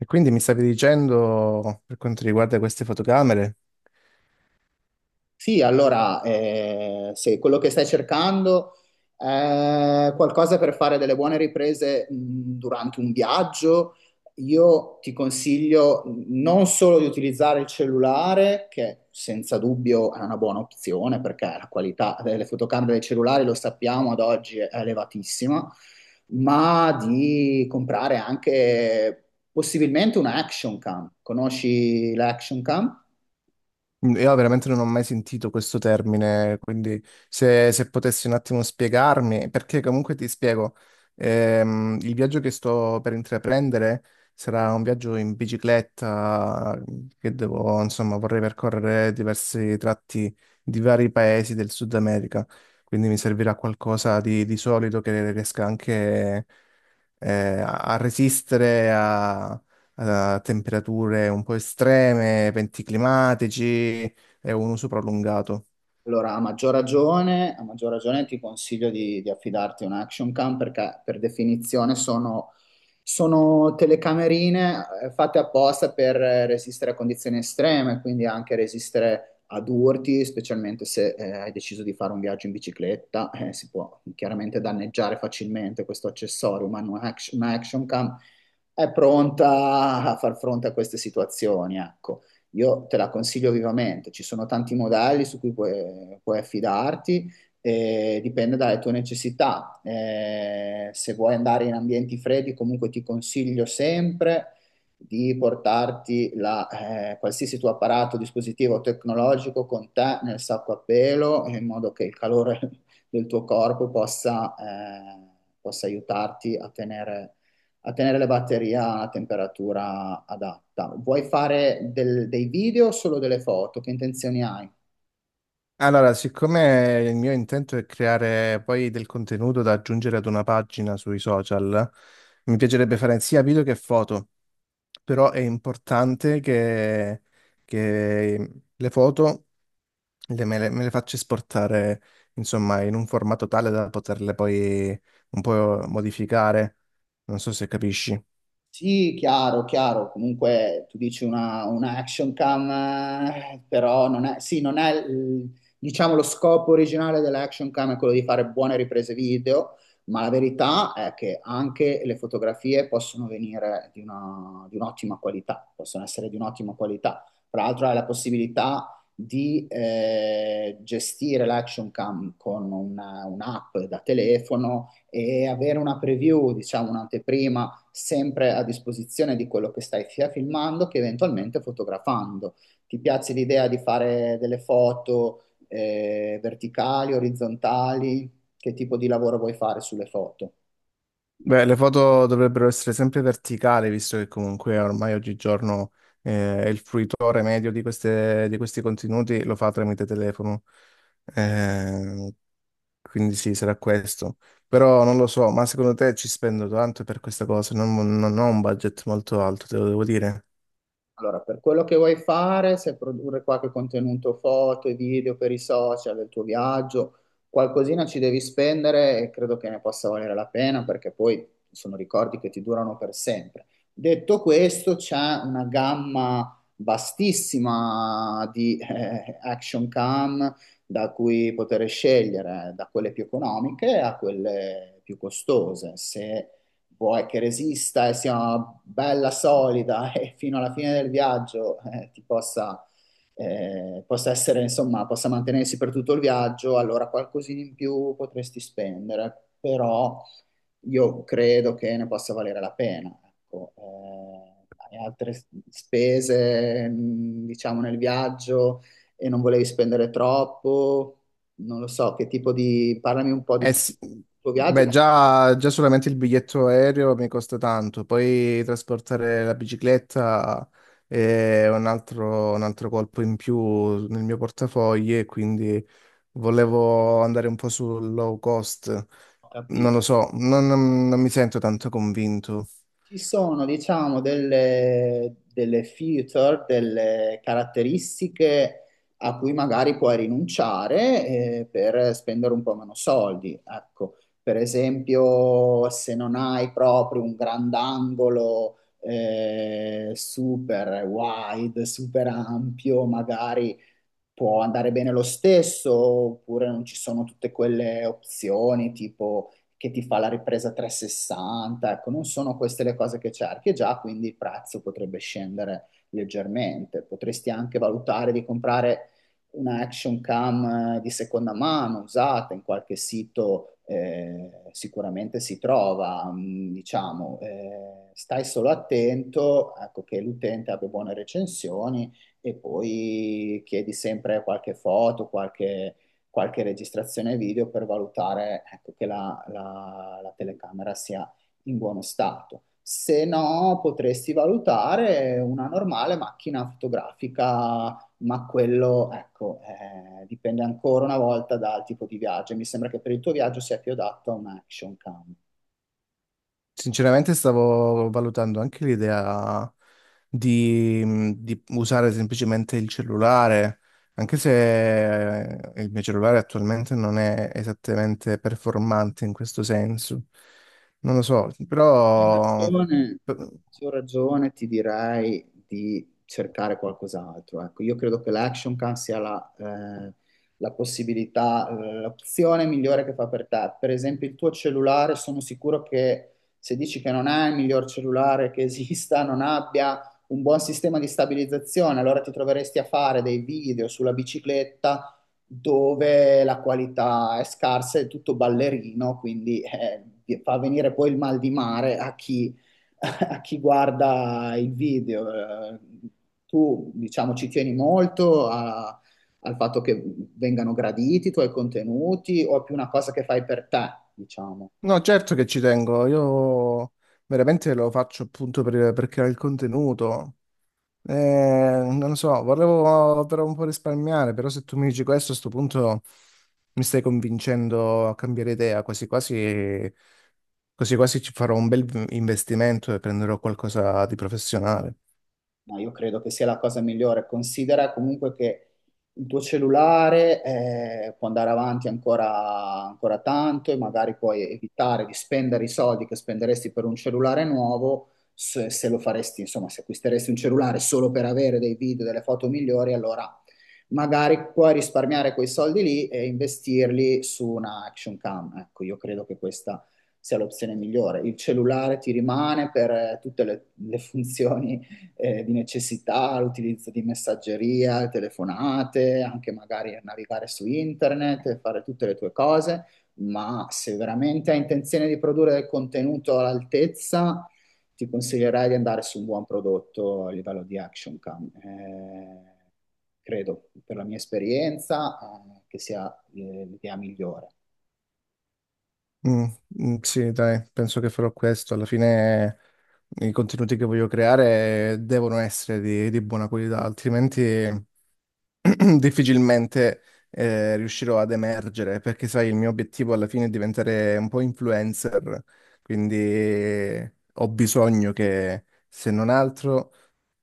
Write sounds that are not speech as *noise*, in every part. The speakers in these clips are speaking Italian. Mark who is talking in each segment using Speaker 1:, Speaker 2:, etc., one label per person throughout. Speaker 1: E quindi mi stavi dicendo, per quanto riguarda queste fotocamere,
Speaker 2: Sì, allora, se quello che stai cercando è qualcosa per fare delle buone riprese durante un viaggio, io ti consiglio non solo di utilizzare il cellulare, che senza dubbio è una buona opzione perché la qualità delle fotocamere dei cellulari, lo sappiamo, ad oggi è elevatissima, ma di comprare anche possibilmente una action cam. Conosci l'action cam?
Speaker 1: mm, io veramente non ho mai sentito questo termine, quindi se potessi un attimo spiegarmi, perché comunque ti spiego, il viaggio che sto per intraprendere sarà un viaggio in bicicletta, mm, che devo, insomma, vorrei percorrere diversi tratti di vari paesi del Sud America, quindi mi servirà qualcosa di solido che riesca anche eh, a a resistere a temperature un po' estreme, eventi climatici e un uso prolungato.
Speaker 2: Allora, a maggior ragione ti consiglio di affidarti a un action cam perché per definizione sono telecamerine fatte apposta per resistere a condizioni estreme, quindi anche resistere ad urti, specialmente se hai deciso di fare un viaggio in bicicletta, si può chiaramente danneggiare facilmente questo accessorio, ma un action cam è pronta a far fronte a queste situazioni, ecco. Io te la consiglio vivamente, ci sono tanti modelli su cui puoi affidarti, e dipende dalle tue necessità. Se vuoi andare in ambienti freddi, comunque ti consiglio sempre di portarti qualsiasi tuo apparato, dispositivo tecnologico con te nel sacco a pelo, in modo che il calore *laughs* del tuo corpo possa possa aiutarti a tenere le batterie a una temperatura adatta. Vuoi fare dei video o solo delle foto? Che intenzioni hai?
Speaker 1: Allora, siccome il mio intento è creare poi del contenuto da aggiungere ad una pagina sui social, mi piacerebbe fare sia video che foto, però è importante che le foto me le faccio esportare, insomma, in un formato tale da poterle poi un po' modificare. Non so se capisci.
Speaker 2: Sì, chiaro, chiaro. Comunque tu dici una action cam, però non è, sì, non è, il- diciamo, lo scopo originale dell'action cam è quello di fare buone riprese video, ma la verità è che anche le fotografie possono venire di un'ottima qualità, possono essere di un'ottima qualità. Tra l'altro hai la possibilità di gestire l'action cam con un'app da telefono e avere una preview, diciamo, un'anteprima sempre a disposizione di quello che stai sia filmando che eventualmente fotografando. Ti piace l'idea di fare delle foto verticali, orizzontali? Che tipo di lavoro vuoi fare sulle foto?
Speaker 1: Beh, le foto dovrebbero essere sempre verticali, visto che comunque ormai oggigiorno il fruitore medio di di questi contenuti lo fa tramite telefono. Eh, quindi sì, sarà questo. Però non lo so, ma secondo te ci spendo tanto per questa cosa? Non ho un budget molto alto, te lo devo dire.
Speaker 2: Allora, per quello che vuoi fare, se produrre qualche contenuto foto e video per i social del tuo viaggio, qualcosina ci devi spendere e credo che ne possa valere la pena perché poi sono ricordi che ti durano per sempre. Detto questo, c'è una gamma vastissima di action cam da cui poter scegliere, da quelle più economiche a quelle più costose. Se vuoi che resista e sia una bella solida *laughs* e fino alla fine del viaggio eh, possa essere, insomma, possa mantenersi per tutto il viaggio, allora qualcosina in più potresti spendere, però io credo che ne possa valere la pena. Ecco, hai altre spese, diciamo, nel viaggio e non volevi spendere troppo, non lo so, che tipo di... Parlami un po' di
Speaker 1: Eh sì,
Speaker 2: tuo viaggio,
Speaker 1: beh,
Speaker 2: ma
Speaker 1: già solamente il biglietto aereo mi costa tanto, poi trasportare la bicicletta è un altro colpo in più nel mio portafogli e quindi volevo andare un po' sul low cost.
Speaker 2: non ho
Speaker 1: Non
Speaker 2: capito.
Speaker 1: lo so, non mi sento tanto convinto.
Speaker 2: Ci sono, diciamo, delle feature, delle caratteristiche a cui magari puoi rinunciare, per spendere un po' meno soldi. Ecco, per esempio, se non hai proprio un grandangolo, super wide, super ampio, magari può andare bene lo stesso, oppure non ci sono tutte quelle opzioni tipo che ti fa la ripresa 360, ecco, non sono queste le cose che cerchi e già, quindi il prezzo potrebbe scendere leggermente. Potresti anche valutare di comprare una action cam di seconda mano usata in qualche sito, sicuramente si trova, diciamo, stai solo attento, ecco, che l'utente abbia buone recensioni e poi chiedi sempre qualche foto, qualche registrazione video per valutare, ecco, che la telecamera sia in buono stato. Se no, potresti valutare una normale macchina fotografica, ma quello, ecco, dipende ancora una volta dal tipo di viaggio. Mi sembra che per il tuo viaggio sia più adatto a un action cam.
Speaker 1: Sinceramente stavo valutando anche l'idea di, di usare semplicemente il cellulare, anche se il mio cellulare attualmente non è esattamente performante in questo senso. Non lo so, però...
Speaker 2: Ragione, a maggior ragione ti direi di cercare qualcos'altro. Ecco, io credo che l'action can sia la possibilità, l'opzione migliore che fa per te. Per esempio, il tuo cellulare, sono sicuro che se dici che non hai il miglior cellulare che esista, non abbia un buon sistema di stabilizzazione, allora ti troveresti a fare dei video sulla bicicletta dove la qualità è scarsa, è tutto ballerino, quindi fa venire poi il mal di mare a chi, *laughs* a chi guarda il video. Tu, diciamo, ci tieni molto al fatto che vengano graditi i tuoi contenuti o è più una cosa che fai per te, diciamo?
Speaker 1: No, certo che ci tengo, io veramente lo faccio appunto per creare il contenuto. Non lo so, volevo però un po' risparmiare, però se tu mi dici questo, a sto punto mi stai convincendo a cambiare idea, quasi quasi, quasi quasi ci farò un bel investimento e prenderò qualcosa di professionale.
Speaker 2: No, io credo che sia la cosa migliore. Considera comunque che il tuo cellulare può andare avanti ancora tanto e magari puoi evitare di spendere i soldi che spenderesti per un cellulare nuovo se lo faresti, insomma, se acquisteresti un cellulare solo per avere dei video, delle foto migliori, allora magari puoi risparmiare quei soldi lì e investirli su una action cam. Ecco, io credo che questa sia l'opzione migliore. Il cellulare ti rimane per tutte le funzioni di necessità, l'utilizzo di messaggeria, telefonate, anche magari navigare su internet, e fare tutte le tue cose, ma se veramente hai intenzione di produrre del contenuto all'altezza, ti consiglierei di andare su un buon prodotto a livello di action cam. Credo, per la mia esperienza, che sia l'idea migliore.
Speaker 1: Mm, mm, sì, dai, penso che farò questo. Alla fine i contenuti che voglio creare devono essere di buona qualità, altrimenti... *clears throat* difficilmente riuscirò ad emergere, perché sai, il mio obiettivo alla fine è diventare un po' influencer, quindi ho bisogno che, se non altro,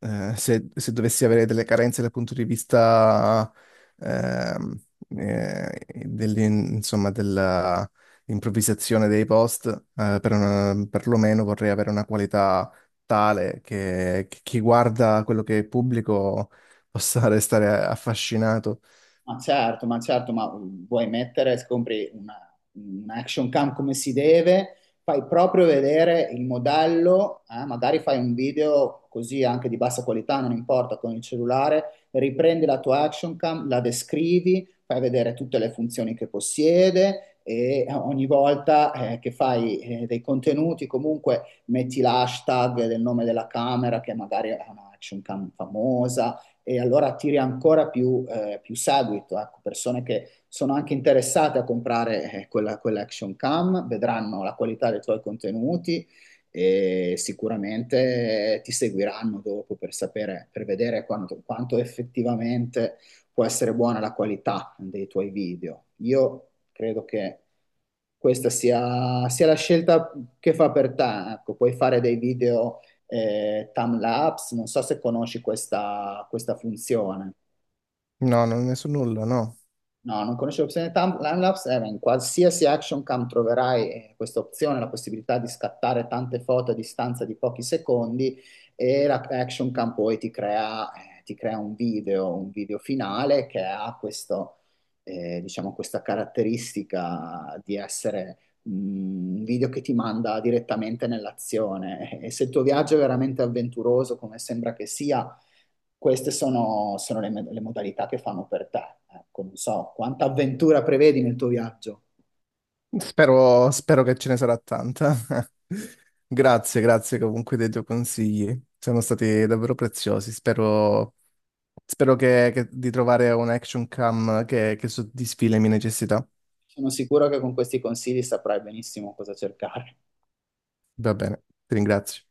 Speaker 1: se dovessi avere delle carenze dal punto di vista ehm, eh, insomma, della improvvisazione dei post, per perlomeno vorrei avere una qualità tale che chi guarda quello che pubblico possa restare affascinato.
Speaker 2: Ma certo, vuoi mettere, un action cam come si deve, fai proprio vedere il modello, magari fai un video così anche di bassa qualità, non importa, con il cellulare, riprendi la tua action cam, la descrivi, fai vedere tutte le funzioni che possiede e ogni volta che fai dei contenuti comunque metti l'hashtag del nome della camera che magari è una action cam famosa e allora attiri ancora più, più seguito, ecco, persone che sono anche interessate a comprare quella, quell'action cam, vedranno la qualità dei tuoi contenuti e sicuramente ti seguiranno dopo per sapere, per vedere quanto effettivamente può essere buona la qualità dei tuoi video. Io credo che sia la scelta che fa per te, ecco, puoi fare dei video timelapse, non so se conosci questa funzione.
Speaker 1: No, non ne so nulla, no.
Speaker 2: No, non conosci l'opzione timelapse? Beh, in qualsiasi action cam troverai questa opzione, la possibilità di scattare tante foto a distanza di pochi secondi e la action cam poi ti crea, un video finale che ha questo, diciamo, questa caratteristica di essere mm, un video che ti manda direttamente nell'azione. E se il tuo viaggio è veramente avventuroso, come sembra che sia, sono le modalità che fanno per te. Ecco, non so quanta avventura prevedi nel tuo viaggio.
Speaker 1: Spero che ce ne sarà tanta. *laughs* Grazie, grazie comunque dei tuoi consigli. Sono stati davvero preziosi. Spero di trovare un action cam che soddisfi le mie necessità.
Speaker 2: Sono sicuro che con questi consigli saprai benissimo cosa cercare.
Speaker 1: Va bene, ti ringrazio.